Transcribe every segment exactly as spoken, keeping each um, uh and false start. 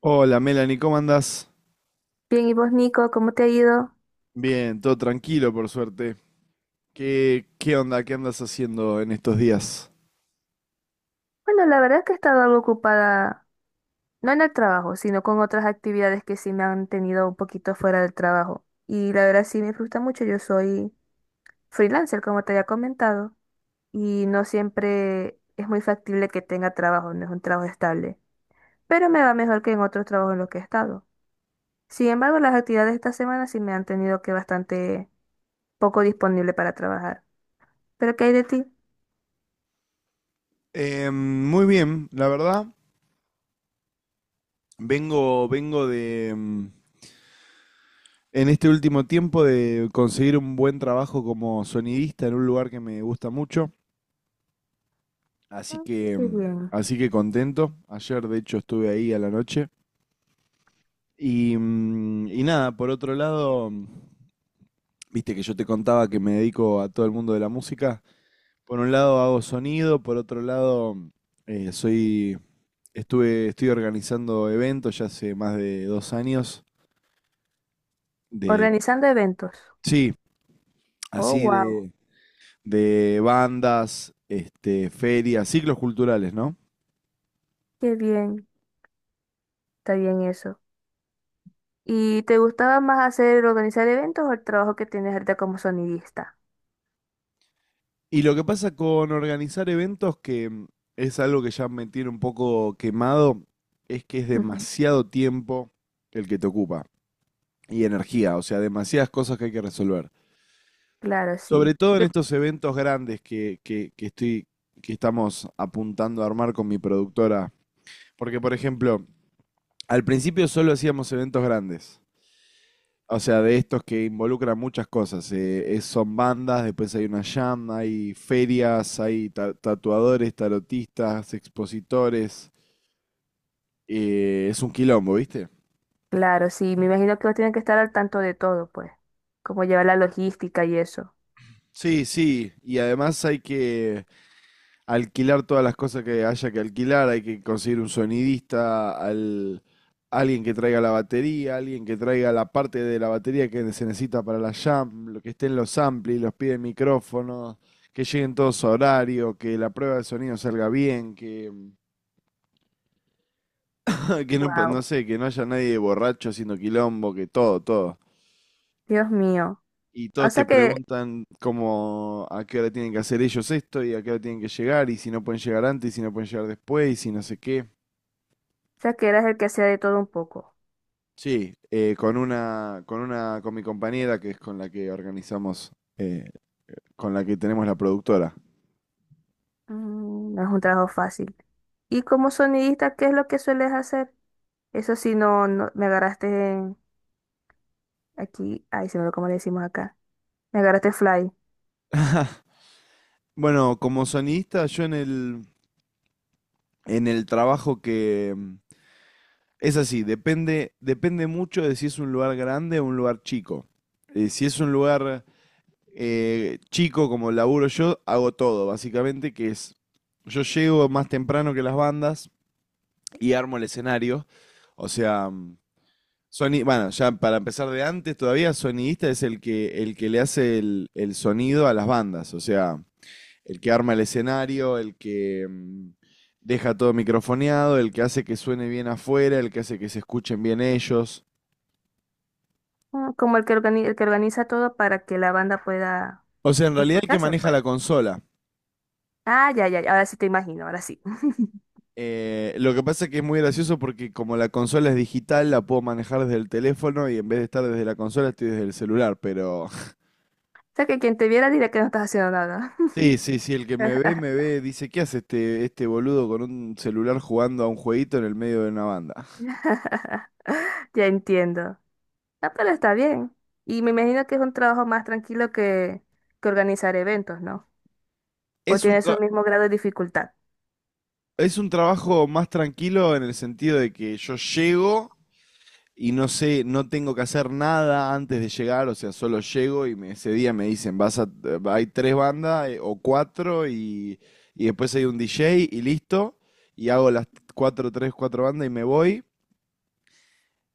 Hola Melanie, ¿cómo andás? Bien, ¿y vos, Nico, cómo te ha ido? Bien, todo tranquilo por suerte. ¿Qué, qué onda? ¿Qué andas haciendo en estos días? Bueno, la verdad es que he estado algo ocupada, no en el trabajo, sino con otras actividades que sí me han tenido un poquito fuera del trabajo. Y la verdad sí me frustra mucho, yo soy freelancer, como te había comentado, y no siempre es muy factible que tenga trabajo, no es un trabajo estable, pero me va mejor que en otros trabajos en los que he estado. Sin embargo, las actividades de esta semana sí me han tenido que bastante poco disponible para trabajar. ¿Pero qué hay de ti? Em, muy bien, la verdad. Vengo, vengo de, em, en este último tiempo de conseguir un buen trabajo como sonidista en un lugar que me gusta mucho. Así Mm. que, Qué em, bien. así que contento. Ayer, de hecho, estuve ahí a la noche. Y, mm, y nada, por otro lado, viste que yo te contaba que me dedico a todo el mundo de la música. Por un lado hago sonido, por otro lado eh, soy, estuve, estoy organizando eventos ya hace más de dos años de, Organizando eventos. sí, Oh, así wow. de, de bandas, este, ferias, ciclos culturales, ¿no? Qué bien, está bien eso. ¿Y te gustaba más hacer organizar eventos o el trabajo que tienes ahorita como sonidista? Y lo que pasa con organizar eventos, que mm, es algo que ya me tiene un poco quemado, es que es Ujú. demasiado tiempo el que te ocupa y energía, o sea, demasiadas cosas que hay que resolver. Claro, sí. Sobre todo en Porque, estos eventos grandes que, que, que estoy, que estamos apuntando a armar con mi productora. Porque, por ejemplo, al principio solo hacíamos eventos grandes. O sea, de estos que involucran muchas cosas. eh, es- son bandas, después hay una jam, hay ferias, hay ta- tatuadores, tarotistas, expositores. Eh, es un quilombo, ¿viste? claro, sí. Me imagino que vos tienen que estar al tanto de todo, pues. Como llevar la logística y eso. Sí, sí. Y además hay que alquilar todas las cosas que haya que alquilar, hay que conseguir un sonidista, al, alguien que traiga la batería, alguien que traiga la parte de la batería que se necesita para la jam, lo que estén los amplis, los pies de micrófono, que lleguen todos a horario, que la prueba de sonido salga bien, que, que no, Wow. no sé, que no haya nadie borracho haciendo quilombo, que todo, todo. Dios mío. Y O todos te sea que, preguntan cómo, a qué hora tienen que hacer ellos esto y a qué hora tienen que llegar y si no pueden llegar antes y si no pueden llegar después y si no sé qué. o sea que eras el que hacía de todo un poco. Sí, eh, con una, con una, con mi compañera que es con la que organizamos, eh, con la que tenemos la productora. Mm, no es un trabajo fácil. Y como sonidista, ¿qué es lo que sueles hacer? Eso sí, no, no me agarraste en- aquí. Ay, se me olvidó cómo le decimos acá. Me agarraste fly. Bueno, como sonidista, yo en el, en el trabajo que mm, es así, depende, depende mucho de si es un lugar grande o un lugar chico. Eh, si es un lugar eh, chico como laburo yo, hago todo, básicamente, que es, yo llego más temprano que las bandas y armo el escenario. O sea, mm, Sony, bueno, ya para empezar de antes todavía, sonidista es el que, el que le hace el, el sonido a las bandas, o sea, el que arma el escenario, el que mm, deja todo microfoneado, el que hace que suene bien afuera, el que hace que se escuchen bien ellos. Ah, como el que organiza, el que organiza todo para que la banda pueda O sea, en realidad el que escucharse, maneja pues. la consola. Ah, ya, ya, ya, ahora sí te imagino, ahora sí. Eh, lo que pasa es que es muy gracioso porque como la consola es digital, la puedo manejar desde el teléfono y en vez de estar desde la consola estoy desde el celular, pero... O sea que quien te viera diría que no estás haciendo nada. Sí, sí, sí, el que me ve, me ve, dice, ¿qué hace este, este boludo con un celular jugando a un jueguito en el medio de una banda? Ya entiendo. Ah, pero está bien. Y me imagino que es un trabajo más tranquilo que, que organizar eventos, ¿no? O Es un, tiene su tra- mismo grado de dificultad. es un trabajo más tranquilo en el sentido de que yo llego y no sé, no tengo que hacer nada antes de llegar, o sea, solo llego y me- ese día me dicen, vas a, hay tres bandas eh, o cuatro y, y después hay un D J y listo, y hago las cuatro, tres, cuatro bandas y me voy.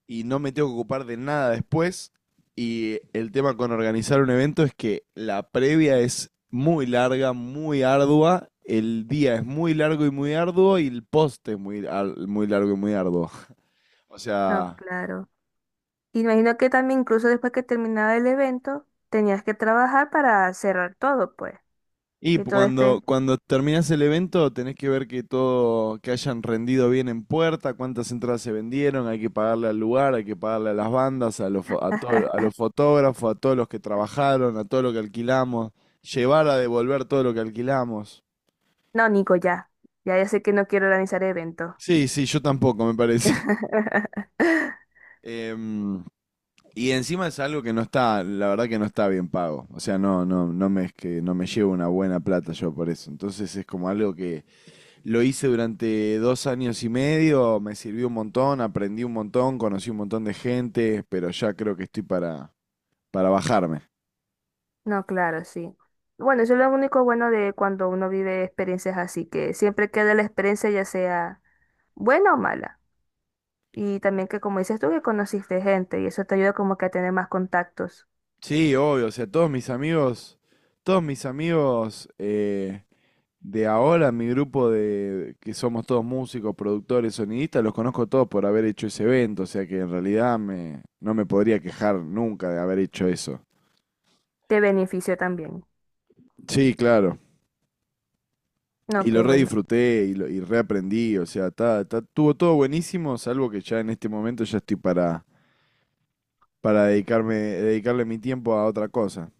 Y no me tengo que ocupar de nada después. Y el tema con organizar un evento es que la previa es muy larga, muy ardua, el día es muy largo y muy arduo y el post es muy, ar- muy largo y muy arduo. O Ah, sea, claro. Y me imagino que también incluso después que terminaba el evento, tenías que trabajar para cerrar todo, pues. y Que todo cuando, esté. cuando terminás el evento tenés que ver que todo, que hayan rendido bien en puerta, cuántas entradas se vendieron, hay que pagarle al lugar, hay que pagarle a las bandas, a los, fo- a todo- a los fotógrafos, a todos los que trabajaron, a todo lo que alquilamos, llevar a devolver todo lo que alquilamos. No, Nico, ya. Ya, ya sé que no quiero organizar eventos. Sí, sí, yo tampoco, me parece. Em, y encima es algo que no está, la verdad que no está bien pago. O sea, no, no, no me es que no me llevo una buena plata yo por eso. Entonces es como algo que lo hice durante dos años y medio, me sirvió un montón, aprendí un montón, conocí un montón de gente, pero ya creo que estoy para, para bajarme. No, claro, sí. Bueno, eso es lo único bueno de cuando uno vive experiencias así, que siempre queda la experiencia ya sea buena o mala. Y también que como dices tú, que conociste gente y eso te ayuda como que a tener más contactos. Sí, obvio, o sea, todos mis amigos, todos mis amigos eh, de ahora, mi grupo de que somos todos músicos, productores, sonidistas, los conozco todos por haber hecho ese evento, o sea que en realidad me, no me podría quejar nunca de haber hecho eso. Te beneficio también. Sí, claro. No, Y qué lo bueno. redisfruté y, lo- y reaprendí, o sea, está, está- estuvo todo buenísimo, salvo que ya en este momento ya estoy para, para dedicarme, dedicarle mi tiempo a otra cosa.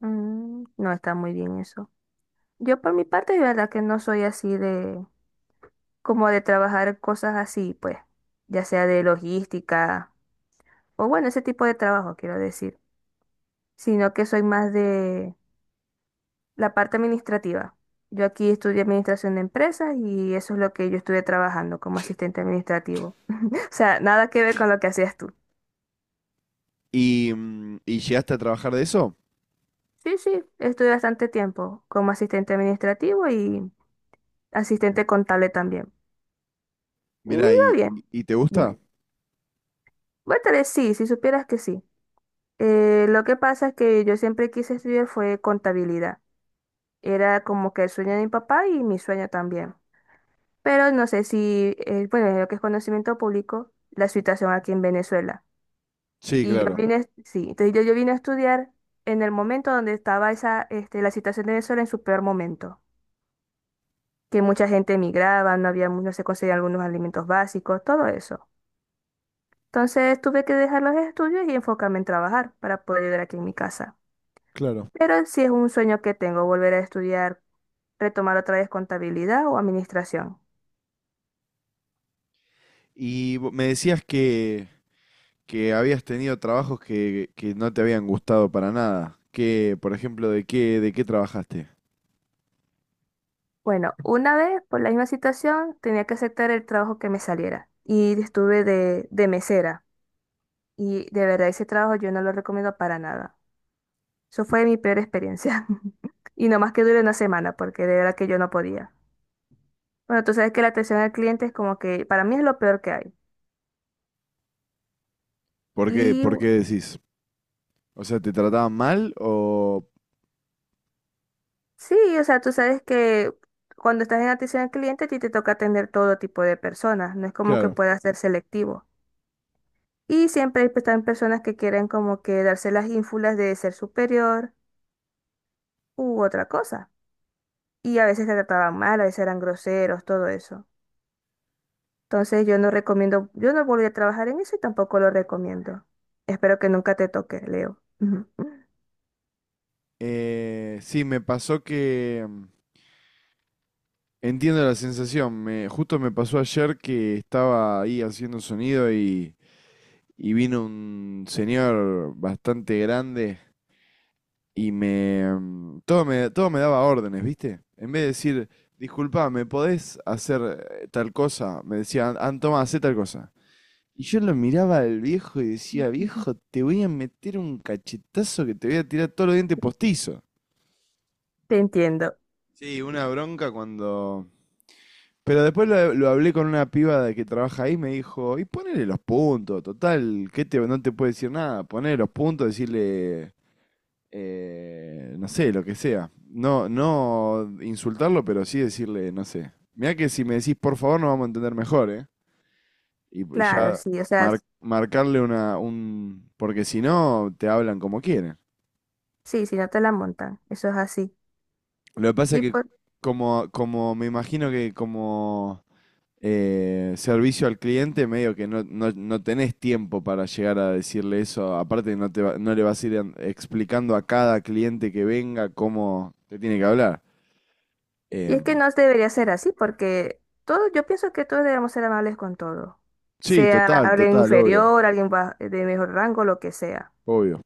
Mm, no está muy bien eso. Yo por mi parte, de verdad que no soy así de como de trabajar cosas así, pues, ya sea de logística, o bueno, ese tipo de trabajo, quiero decir, sino que soy más de la parte administrativa. Yo aquí estudié administración de empresas y eso es lo que yo estuve trabajando como asistente administrativo. O sea, nada que ver con lo que hacías tú. ¿Y, mm, y llegaste a trabajar de eso? Sí, sí, estuve bastante tiempo como asistente administrativo y asistente contable también. Y me Mira, iba ¿y, bien, y te gusta? dime. Bueno, tal vez sí, si supieras que sí. Eh, lo que pasa es que yo siempre quise estudiar fue contabilidad. Era como que el sueño de mi papá y mi sueño también. Pero no sé si, eh, bueno, en lo que es conocimiento público, la situación aquí en Venezuela. Sí, Y yo claro, vine, sí, entonces yo, yo vine a estudiar en el momento donde estaba esa, este, la situación de Venezuela en su peor momento, que mucha gente emigraba, no había, mu- no se conseguían algunos alimentos básicos, todo eso. Entonces tuve que dejar los estudios y enfocarme en trabajar para poder ayudar aquí en mi casa. claro. Pero sí es un sueño que tengo, volver a estudiar, retomar otra vez contabilidad o administración. Y vo- me decías que, que habías tenido trabajos que, que no te habían gustado para nada. Que, por ejemplo, ¿de qué, ¿de qué trabajaste? Bueno, una vez, por la misma situación, tenía que aceptar el trabajo que me saliera y estuve de, de mesera. Y de verdad, ese trabajo yo no lo recomiendo para nada. Eso fue mi peor experiencia. Y nomás que dure una semana, porque de verdad que yo no podía. Bueno, tú sabes que la atención al cliente es como que para mí es lo peor que hay. ¿Por qué, Y ¿por qué decís? O sea, ¿te trataban mal o...? sí, o sea, tú sabes que cuando estás en atención al cliente, a ti te toca atender todo tipo de personas. No es como que Claro. puedas ser selectivo. Y siempre hay, pues, están personas que quieren como que darse las ínfulas de ser superior u otra cosa. Y a veces te trataban mal, a veces eran groseros, todo eso. Entonces yo no recomiendo, yo no volví a trabajar en eso y tampoco lo recomiendo. Espero que nunca te toque, Leo. Ujú. Eh, sí, me pasó que mm, entiendo la sensación. Me, justo me pasó ayer que estaba ahí haciendo sonido y, y vino un señor bastante grande y me, mm, todo me, todo me daba órdenes, ¿viste? En vez de decir, disculpa, ¿me podés hacer eh, tal cosa? Me decía, "An- toma, hacé tal cosa". Y yo lo miraba al viejo y decía, viejo, te voy a meter un cachetazo que te voy a tirar todos los dientes postizos. Te entiendo. Sí, una bronca cuando pero después lo, lo hablé con una piba de que trabaja ahí, me dijo, y ponele los puntos, total, que te, no te puede decir nada, ponele los puntos, decirle, eh, no sé, lo que sea. No, no insultarlo, pero sí decirle, no sé. Mirá que si me decís por favor nos vamos a entender mejor, ¿eh? Y, y Claro, ya sí, o sea, mar- marcarle una, un... Porque si no, te hablan como quieren. sí, si no te la montan, eso es así. Lo que pasa es Y, que por, como, como me imagino que como... eh, servicio al cliente, medio que no, no, no tenés tiempo para llegar a decirle eso. Aparte, no, te va- no le vas a ir an- explicando a cada cliente que venga cómo te tiene que hablar. y es que Em, no debería ser así, porque todo, yo pienso que todos debemos ser amables con todo. sí, Sea total, alguien total, obvio, inferior, alguien ba- de mejor rango, lo que sea. obvio.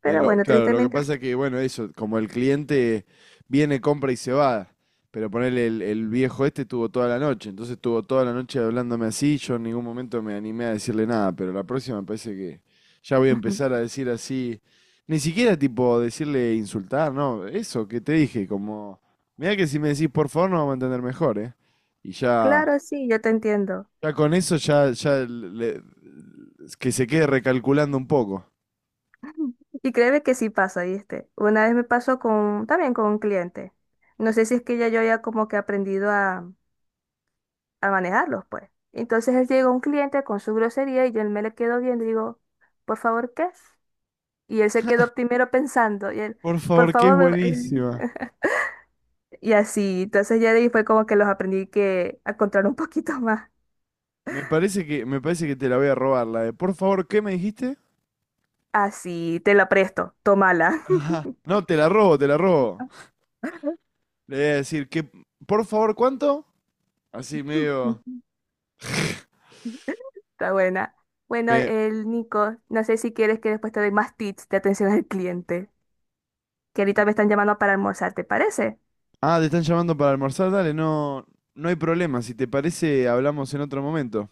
Pero Pero bueno, claro, lo que tristemente, pasa que, bueno, eso, como el cliente viene, compra y se va, pero ponele, el, el viejo este tuvo toda la noche, entonces tuvo toda la noche hablándome así, yo en ningún momento me animé a decirle nada, pero la próxima me parece que ya voy a empezar a decir así, ni siquiera tipo decirle insultar, no, eso que te dije, como, mira que si me decís por favor no vamos a entender mejor, ¿eh? Y ya, claro, sí, yo te entiendo. ya con eso ya, ya le- que se quede recalculando un poco. Y créeme que sí pasa, ¿viste? Una vez me pasó con, también con un cliente. No sé si es que ya yo había como que aprendido a, a manejarlos, pues. Entonces él llegó un cliente con su grosería y yo me le quedo viendo y digo, por favor, ¿qué es? Y él se quedó primero pensando y él, Por por favor, que es favor, me... va-". buenísima. Y así. Entonces ya de ahí fue como que los aprendí que a controlar un poquito más. Me parece que, me parece que te la voy a robar, la de, por favor, ¿qué me dijiste? Así, te la presto, tómala. Ajá. No, te la robo, te la robo. Le voy a decir que, por favor, ¿cuánto? Así medio, Está buena. Bueno, me, el Nico, no sé si quieres que después te doy más tips de atención al cliente, que ahorita me están llamando para almorzar, ¿te parece? ah, te están llamando para almorzar, dale, no, no hay problema, si te parece, hablamos en otro momento.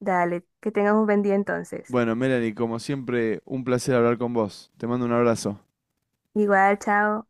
Dale, que tengas un buen día entonces. Bueno, Melanie, como siempre, un placer hablar con vos. Te mando un abrazo. Igual, chao.